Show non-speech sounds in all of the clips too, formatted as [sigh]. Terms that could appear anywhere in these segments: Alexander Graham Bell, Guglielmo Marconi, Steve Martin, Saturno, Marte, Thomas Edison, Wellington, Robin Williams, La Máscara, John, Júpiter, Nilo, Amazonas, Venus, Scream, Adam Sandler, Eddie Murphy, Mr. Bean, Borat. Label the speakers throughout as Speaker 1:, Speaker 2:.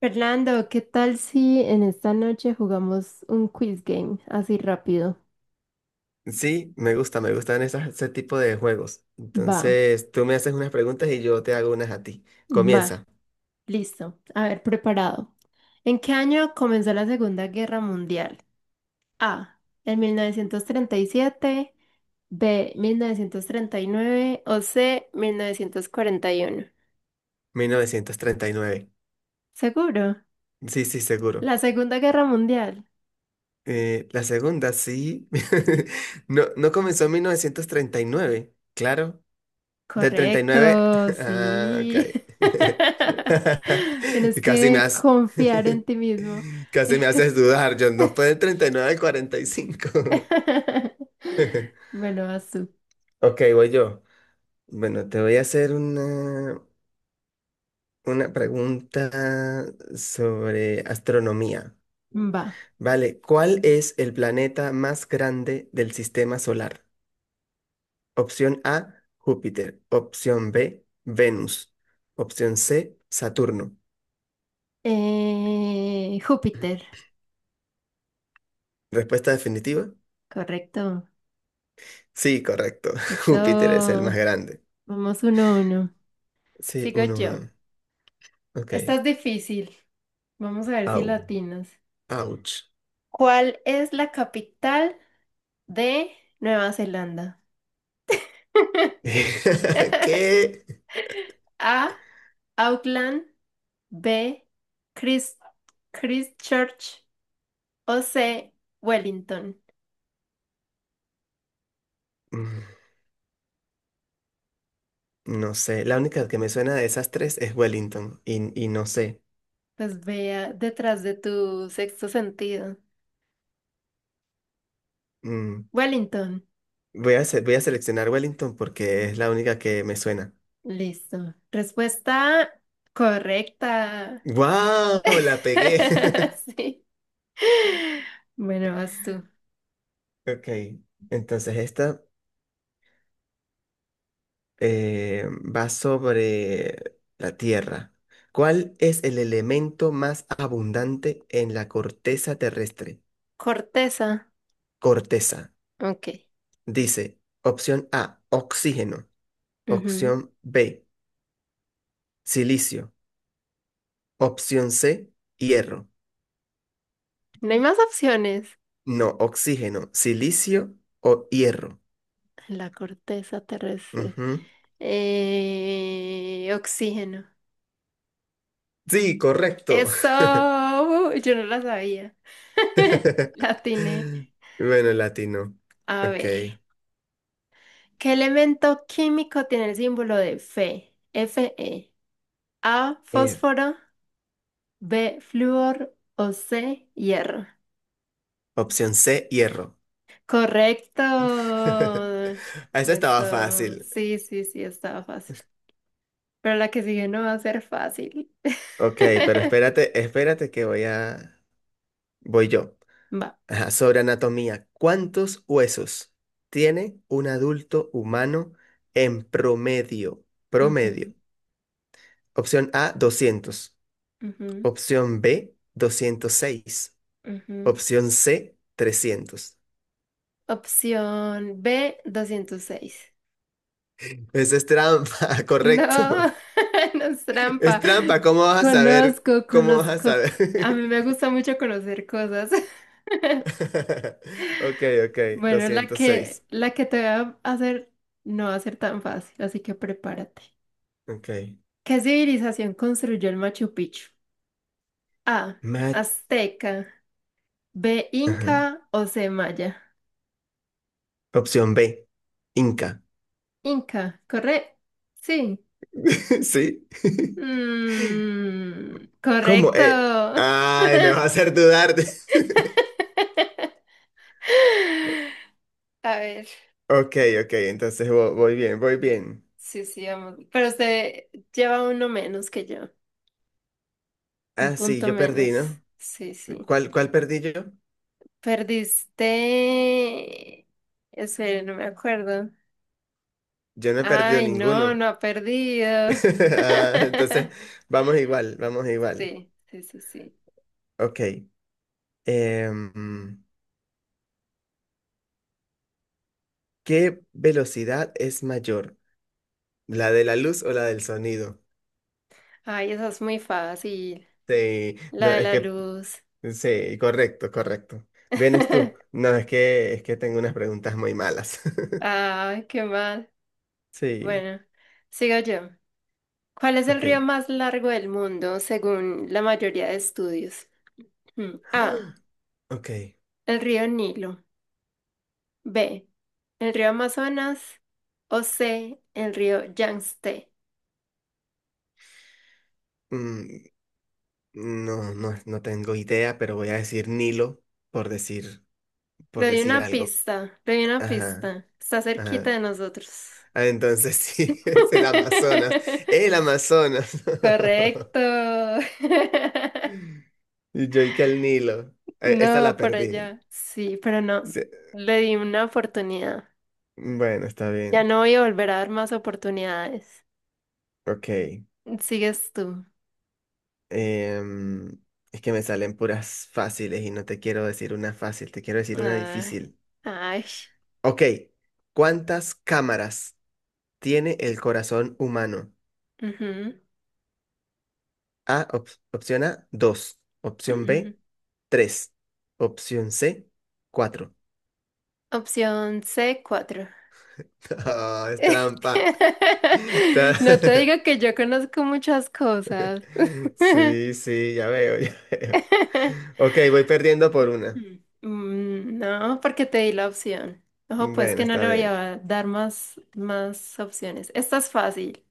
Speaker 1: Fernando, ¿qué tal si en esta noche jugamos un quiz game así rápido?
Speaker 2: Sí, me gusta, me gustan ese tipo de juegos.
Speaker 1: Va,
Speaker 2: Entonces, tú me haces unas preguntas y yo te hago unas a ti.
Speaker 1: va,
Speaker 2: Comienza.
Speaker 1: listo. A ver, preparado. ¿En qué año comenzó la Segunda Guerra Mundial? A, en 1937. B, 1939. O C, 1941.
Speaker 2: 1939.
Speaker 1: ¿Seguro?
Speaker 2: Sí, sí, seguro.
Speaker 1: La Segunda Guerra Mundial.
Speaker 2: La segunda, sí. [laughs] No, no comenzó en 1939, claro. Del 39.
Speaker 1: Correcto,
Speaker 2: [laughs] Ah, ok.
Speaker 1: sí. [laughs]
Speaker 2: [laughs]
Speaker 1: Tienes
Speaker 2: Casi me
Speaker 1: que
Speaker 2: has...
Speaker 1: confiar en
Speaker 2: [laughs]
Speaker 1: ti mismo.
Speaker 2: Casi me
Speaker 1: [laughs]
Speaker 2: haces dudar, John. No fue del 39 al 45.
Speaker 1: [laughs]
Speaker 2: [laughs]
Speaker 1: Bueno, vas tú.
Speaker 2: Ok, voy yo. Bueno, te voy a hacer una. Una pregunta sobre astronomía.
Speaker 1: Va.
Speaker 2: Vale, ¿cuál es el planeta más grande del sistema solar? Opción A, Júpiter. Opción B, Venus. Opción C, Saturno.
Speaker 1: Júpiter,
Speaker 2: ¿Respuesta definitiva?
Speaker 1: correcto.
Speaker 2: Sí, correcto. [laughs]
Speaker 1: Eso,
Speaker 2: Júpiter es el más grande.
Speaker 1: vamos 1-1.
Speaker 2: Sí,
Speaker 1: Sigo
Speaker 2: uno,
Speaker 1: yo.
Speaker 2: uno.
Speaker 1: Esta
Speaker 2: Ok.
Speaker 1: es difícil. Vamos a ver si
Speaker 2: Au.
Speaker 1: latinas.
Speaker 2: Ouch.
Speaker 1: ¿Cuál es la capital de Nueva Zelanda? [laughs]
Speaker 2: [laughs] ¿Qué?
Speaker 1: A. Auckland. B. Chris- Christchurch. O C. Wellington.
Speaker 2: Mm, No sé. La única que me suena de esas tres es Wellington. Y no sé.
Speaker 1: Pues vea detrás de tu sexto sentido.
Speaker 2: Mm,
Speaker 1: Wellington.
Speaker 2: voy a seleccionar Wellington porque es la única que me suena.
Speaker 1: Listo. Respuesta correcta.
Speaker 2: ¡Wow!
Speaker 1: [laughs]
Speaker 2: La pegué. [laughs]
Speaker 1: Sí. Bueno, vas tú.
Speaker 2: Ok, entonces esta eh, va sobre la Tierra. ¿Cuál es el elemento más abundante en la corteza terrestre?
Speaker 1: Corteza.
Speaker 2: Corteza.
Speaker 1: Ok.
Speaker 2: Dice, opción A, oxígeno.
Speaker 1: Ujú.
Speaker 2: Opción B, silicio. Opción C, hierro.
Speaker 1: No hay más opciones.
Speaker 2: No, oxígeno, silicio o hierro.
Speaker 1: La corteza terrestre.
Speaker 2: Ujú.
Speaker 1: Oxígeno.
Speaker 2: Sí, correcto. [laughs]
Speaker 1: Eso. Yo no la sabía. [laughs] La
Speaker 2: [laughs]
Speaker 1: tiene.
Speaker 2: Bueno, latino.
Speaker 1: A
Speaker 2: Ok.
Speaker 1: ver. ¿Qué elemento químico tiene el símbolo de Fe? Fe. A, fósforo. B, flúor o C, hierro.
Speaker 2: Opción C, hierro.
Speaker 1: Correcto.
Speaker 2: [laughs] Esa estaba
Speaker 1: Eso,
Speaker 2: fácil.
Speaker 1: sí, sí, sí, estaba fácil. Pero la que sigue no va a ser fácil.
Speaker 2: Ok, pero
Speaker 1: [laughs]
Speaker 2: espérate, espérate que voy a... Voy yo.
Speaker 1: Va.
Speaker 2: Ajá, sobre anatomía. ¿Cuántos huesos tiene un adulto humano en promedio?
Speaker 1: Ujú,
Speaker 2: Promedio. Opción A, 200.
Speaker 1: ujú,
Speaker 2: Opción B, 206.
Speaker 1: ujú.
Speaker 2: Opción C, 300.
Speaker 1: Opción B, 206.
Speaker 2: Esa es trampa, [laughs]
Speaker 1: No,
Speaker 2: correcto.
Speaker 1: [laughs] no es trampa.
Speaker 2: Es trampa, ¿cómo vas a saber?
Speaker 1: Conozco,
Speaker 2: ¿Cómo vas a
Speaker 1: conozco. A
Speaker 2: saber?
Speaker 1: mí me gusta mucho conocer cosas. [laughs]
Speaker 2: [laughs] Ok, ok,
Speaker 1: Bueno, la que,
Speaker 2: 206.
Speaker 1: la que te voy a hacer no va a ser tan fácil, así que prepárate.
Speaker 2: Ok.
Speaker 1: ¿Qué civilización construyó el Machu Picchu? A.
Speaker 2: Mat-
Speaker 1: Azteca. B.
Speaker 2: ajá.
Speaker 1: Inca o C. Maya.
Speaker 2: Opción B, Inca.
Speaker 1: Inca, ¿correcto? Sí.
Speaker 2: [laughs] ¿Sí? [laughs]
Speaker 1: Mm,
Speaker 2: ¿Cómo?
Speaker 1: correcto.
Speaker 2: Ay, me vas a hacer dudar.
Speaker 1: [laughs] A ver,
Speaker 2: [laughs] Ok, ok, entonces voy bien.
Speaker 1: sí, sí, vamos. Pero usted lleva uno menos que yo, un
Speaker 2: Ah, sí,
Speaker 1: punto
Speaker 2: yo
Speaker 1: menos.
Speaker 2: perdí, ¿no?
Speaker 1: Sí, sí.
Speaker 2: ¿Cuál perdí yo?
Speaker 1: Perdiste. Espera, no me acuerdo.
Speaker 2: Yo no he perdido
Speaker 1: Ay, no,
Speaker 2: ninguno.
Speaker 1: no ha perdido.
Speaker 2: [laughs] Ah, entonces,
Speaker 1: [laughs]
Speaker 2: vamos igual, vamos igual.
Speaker 1: Sí, sí, sí, sí.
Speaker 2: Ok. em, ¿Qué velocidad es mayor? ¿La de la luz o la del sonido?
Speaker 1: Ay, esa es muy fácil.
Speaker 2: Sí,
Speaker 1: La
Speaker 2: no,
Speaker 1: de
Speaker 2: es
Speaker 1: la
Speaker 2: que,
Speaker 1: luz.
Speaker 2: sí, correcto, correcto. ¿Vienes tú?
Speaker 1: [laughs]
Speaker 2: No, es que tengo unas preguntas muy malas. [laughs]
Speaker 1: Ay, qué mal.
Speaker 2: Sí,
Speaker 1: Bueno, sigo yo. ¿Cuál es el río
Speaker 2: ok.
Speaker 1: más largo del mundo según la mayoría de estudios? A.
Speaker 2: [gasps] Ok.
Speaker 1: El río Nilo. B. El río Amazonas. O C. El río Yangtze.
Speaker 2: mm, no, no, no tengo idea, pero voy a decir Nilo por decir, por
Speaker 1: Le doy
Speaker 2: decir
Speaker 1: una
Speaker 2: algo.
Speaker 1: pista, le doy una
Speaker 2: Ajá,
Speaker 1: pista. Está cerquita
Speaker 2: ajá.
Speaker 1: de nosotros.
Speaker 2: Ah, entonces sí, [laughs] es el Amazonas. El
Speaker 1: [laughs]
Speaker 2: Amazonas.
Speaker 1: Correcto. [laughs]
Speaker 2: [laughs] Y yo y que el Nilo. Esta
Speaker 1: No,
Speaker 2: la
Speaker 1: por
Speaker 2: perdí.
Speaker 1: allá. Sí, pero no.
Speaker 2: Se-
Speaker 1: Le di una oportunidad.
Speaker 2: Bueno, está
Speaker 1: Ya
Speaker 2: bien.
Speaker 1: no voy a volver a dar más oportunidades.
Speaker 2: Ok.
Speaker 1: Sigues tú.
Speaker 2: Em, es que me salen puras fáciles y no te quiero decir una fácil, te quiero decir una
Speaker 1: Ay,
Speaker 2: difícil.
Speaker 1: ay.
Speaker 2: Ok. ¿Cuántas cámaras tiene el corazón humano?
Speaker 1: Ujú,
Speaker 2: Opción A, dos. Opción
Speaker 1: ujú.
Speaker 2: B, tres. Opción C, 4.
Speaker 1: Opción C cuatro.
Speaker 2: [laughs] Es trampa. [laughs]
Speaker 1: [laughs] No te
Speaker 2: Ta-
Speaker 1: digo que yo conozco muchas cosas.
Speaker 2: [laughs] Sí, sí, ya veo, [laughs] ya veo.
Speaker 1: [laughs]
Speaker 2: Ok, voy perdiendo por una.
Speaker 1: No, porque te di la opción. Ojo, pues
Speaker 2: Bueno,
Speaker 1: que no
Speaker 2: está
Speaker 1: le voy
Speaker 2: bien.
Speaker 1: a dar más, más opciones. Esta es fácil.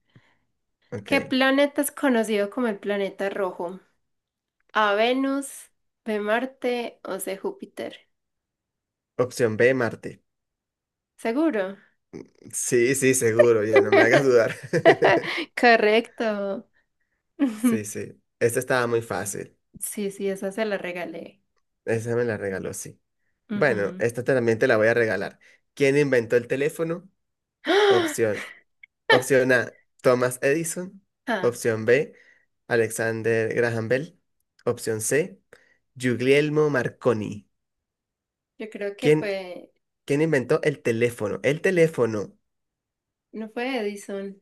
Speaker 1: ¿Qué
Speaker 2: Ok.
Speaker 1: planeta es conocido como el planeta rojo? ¿A Venus, B Marte o C Júpiter?
Speaker 2: Opción B, Marte.
Speaker 1: ¿Seguro?
Speaker 2: Sí, sí, seguro, ya no me hagas
Speaker 1: [laughs]
Speaker 2: dudar. [laughs]
Speaker 1: Correcto.
Speaker 2: Sí,
Speaker 1: [laughs]
Speaker 2: sí. Esta estaba muy fácil.
Speaker 1: Sí, sí, esa se la regalé.
Speaker 2: Esa me la regaló, sí. Bueno,
Speaker 1: Ujú.
Speaker 2: esta también te la voy a regalar. ¿Quién inventó el teléfono?
Speaker 1: [gasps] Ah,
Speaker 2: Opción. Opción A, Thomas Edison.
Speaker 1: Ah,
Speaker 2: Opción B, Alexander Graham Bell. Opción C, Guglielmo Marconi.
Speaker 1: yo creo que
Speaker 2: ¿Quién
Speaker 1: fue,
Speaker 2: ¿Quién inventó el teléfono? El teléfono.
Speaker 1: no fue Edison.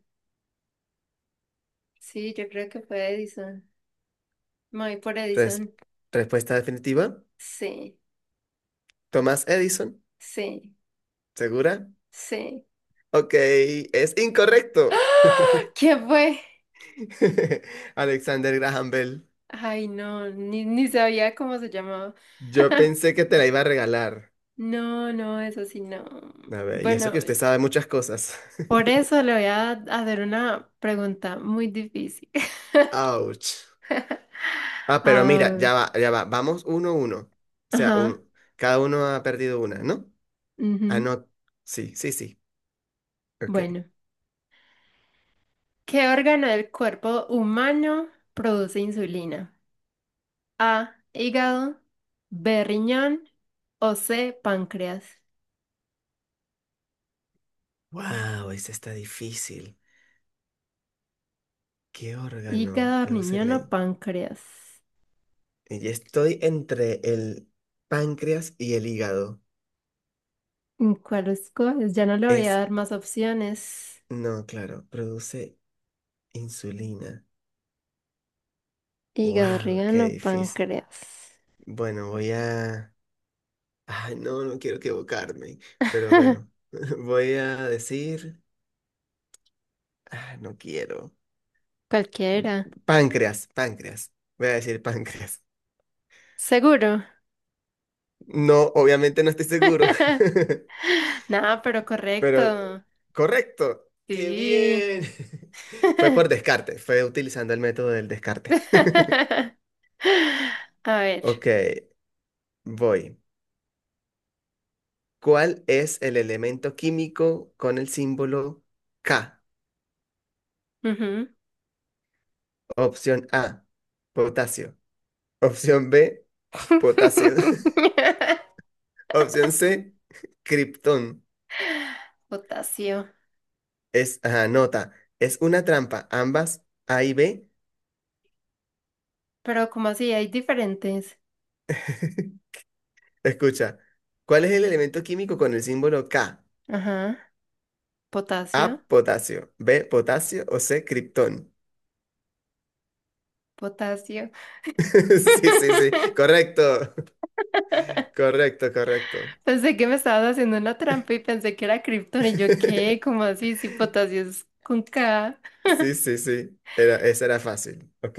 Speaker 1: Sí, yo creo que fue Edison. Me voy por
Speaker 2: Res-
Speaker 1: Edison.
Speaker 2: Respuesta definitiva.
Speaker 1: Sí,
Speaker 2: Thomas Edison.
Speaker 1: sí,
Speaker 2: ¿Segura?
Speaker 1: sí.
Speaker 2: Ok, es incorrecto.
Speaker 1: [gasps] ¿Qué fue?
Speaker 2: [laughs] Alexander Graham Bell.
Speaker 1: Ay, no, ni sabía cómo se llamaba.
Speaker 2: Yo pensé que te la iba a regalar.
Speaker 1: No, no, eso sí, no.
Speaker 2: A ver, y eso
Speaker 1: Bueno,
Speaker 2: que usted sabe muchas cosas.
Speaker 1: por
Speaker 2: [laughs]
Speaker 1: eso le voy a hacer una pregunta muy difícil. [laughs]
Speaker 2: Ouch. Ah, pero mira,
Speaker 1: Ah,
Speaker 2: ya va, ya va. Vamos uno a uno. O sea,
Speaker 1: ajá,
Speaker 2: cada uno ha perdido una, ¿no? Ah,
Speaker 1: ujú.
Speaker 2: no. Sí, sí, sí. Ok.
Speaker 1: Bueno, ¿qué órgano del cuerpo humano produce insulina? A, hígado, B, riñón o C, páncreas.
Speaker 2: Wow, esa está difícil. ¿Qué órgano
Speaker 1: Hígado,
Speaker 2: produce
Speaker 1: riñón
Speaker 2: la...
Speaker 1: o
Speaker 2: in-
Speaker 1: páncreas.
Speaker 2: Y estoy entre el páncreas y el hígado.
Speaker 1: ¿Cuál escoges? Ya no le voy a
Speaker 2: Es,
Speaker 1: dar más opciones.
Speaker 2: no, claro, produce insulina.
Speaker 1: Hígado,
Speaker 2: Wow,
Speaker 1: riñón
Speaker 2: qué
Speaker 1: o
Speaker 2: difícil.
Speaker 1: páncreas.
Speaker 2: Bueno, voy a... Ay, no, no quiero equivocarme, pero bueno,
Speaker 1: [laughs]
Speaker 2: [laughs] voy a decir... Ah, no quiero.
Speaker 1: Cualquiera.
Speaker 2: Páncreas, páncreas. Voy a decir páncreas.
Speaker 1: ¿Seguro?
Speaker 2: No, obviamente no estoy seguro,
Speaker 1: [laughs] No, pero
Speaker 2: [laughs] pero
Speaker 1: correcto.
Speaker 2: correcto. ¡Qué
Speaker 1: Sí.
Speaker 2: bien! [laughs] Fue por descarte, fue utilizando el método del descarte. [laughs]
Speaker 1: [laughs] A ver.
Speaker 2: Ok, voy. ¿Cuál es el elemento químico con el símbolo K?
Speaker 1: Ujú.
Speaker 2: Opción A, potasio. Opción B, potasio. [laughs]
Speaker 1: [laughs]
Speaker 2: Opción C, criptón.
Speaker 1: Potasio.
Speaker 2: Es, ajá, nota, es una trampa. Ambas, A y B.
Speaker 1: ¿Pero como así? Hay diferentes.
Speaker 2: [laughs] Escucha, ¿cuál es el elemento químico con el símbolo K?
Speaker 1: Ajá.
Speaker 2: A,
Speaker 1: Potasio.
Speaker 2: potasio. B, potasio o C, criptón. [laughs]
Speaker 1: Potasio.
Speaker 2: Sí, sí, sí.
Speaker 1: [laughs]
Speaker 2: Correcto. [laughs] Correcto, correcto.
Speaker 1: Pensé que me estabas haciendo una trampa y pensé que era Krypton y yo qué,
Speaker 2: [laughs]
Speaker 1: como así, si potasio es con K.
Speaker 2: Sí, sí, sí. Esa era fácil. Ok.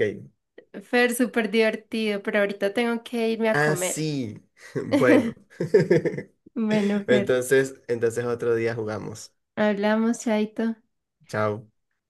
Speaker 1: Fer, súper divertido, pero ahorita tengo que irme a
Speaker 2: Ah,
Speaker 1: comer.
Speaker 2: sí. [laughs] Bueno.
Speaker 1: [laughs]
Speaker 2: [laughs]
Speaker 1: Bueno, Fer,
Speaker 2: Entonces, otro día jugamos.
Speaker 1: hablamos, Chaito.
Speaker 2: Chao.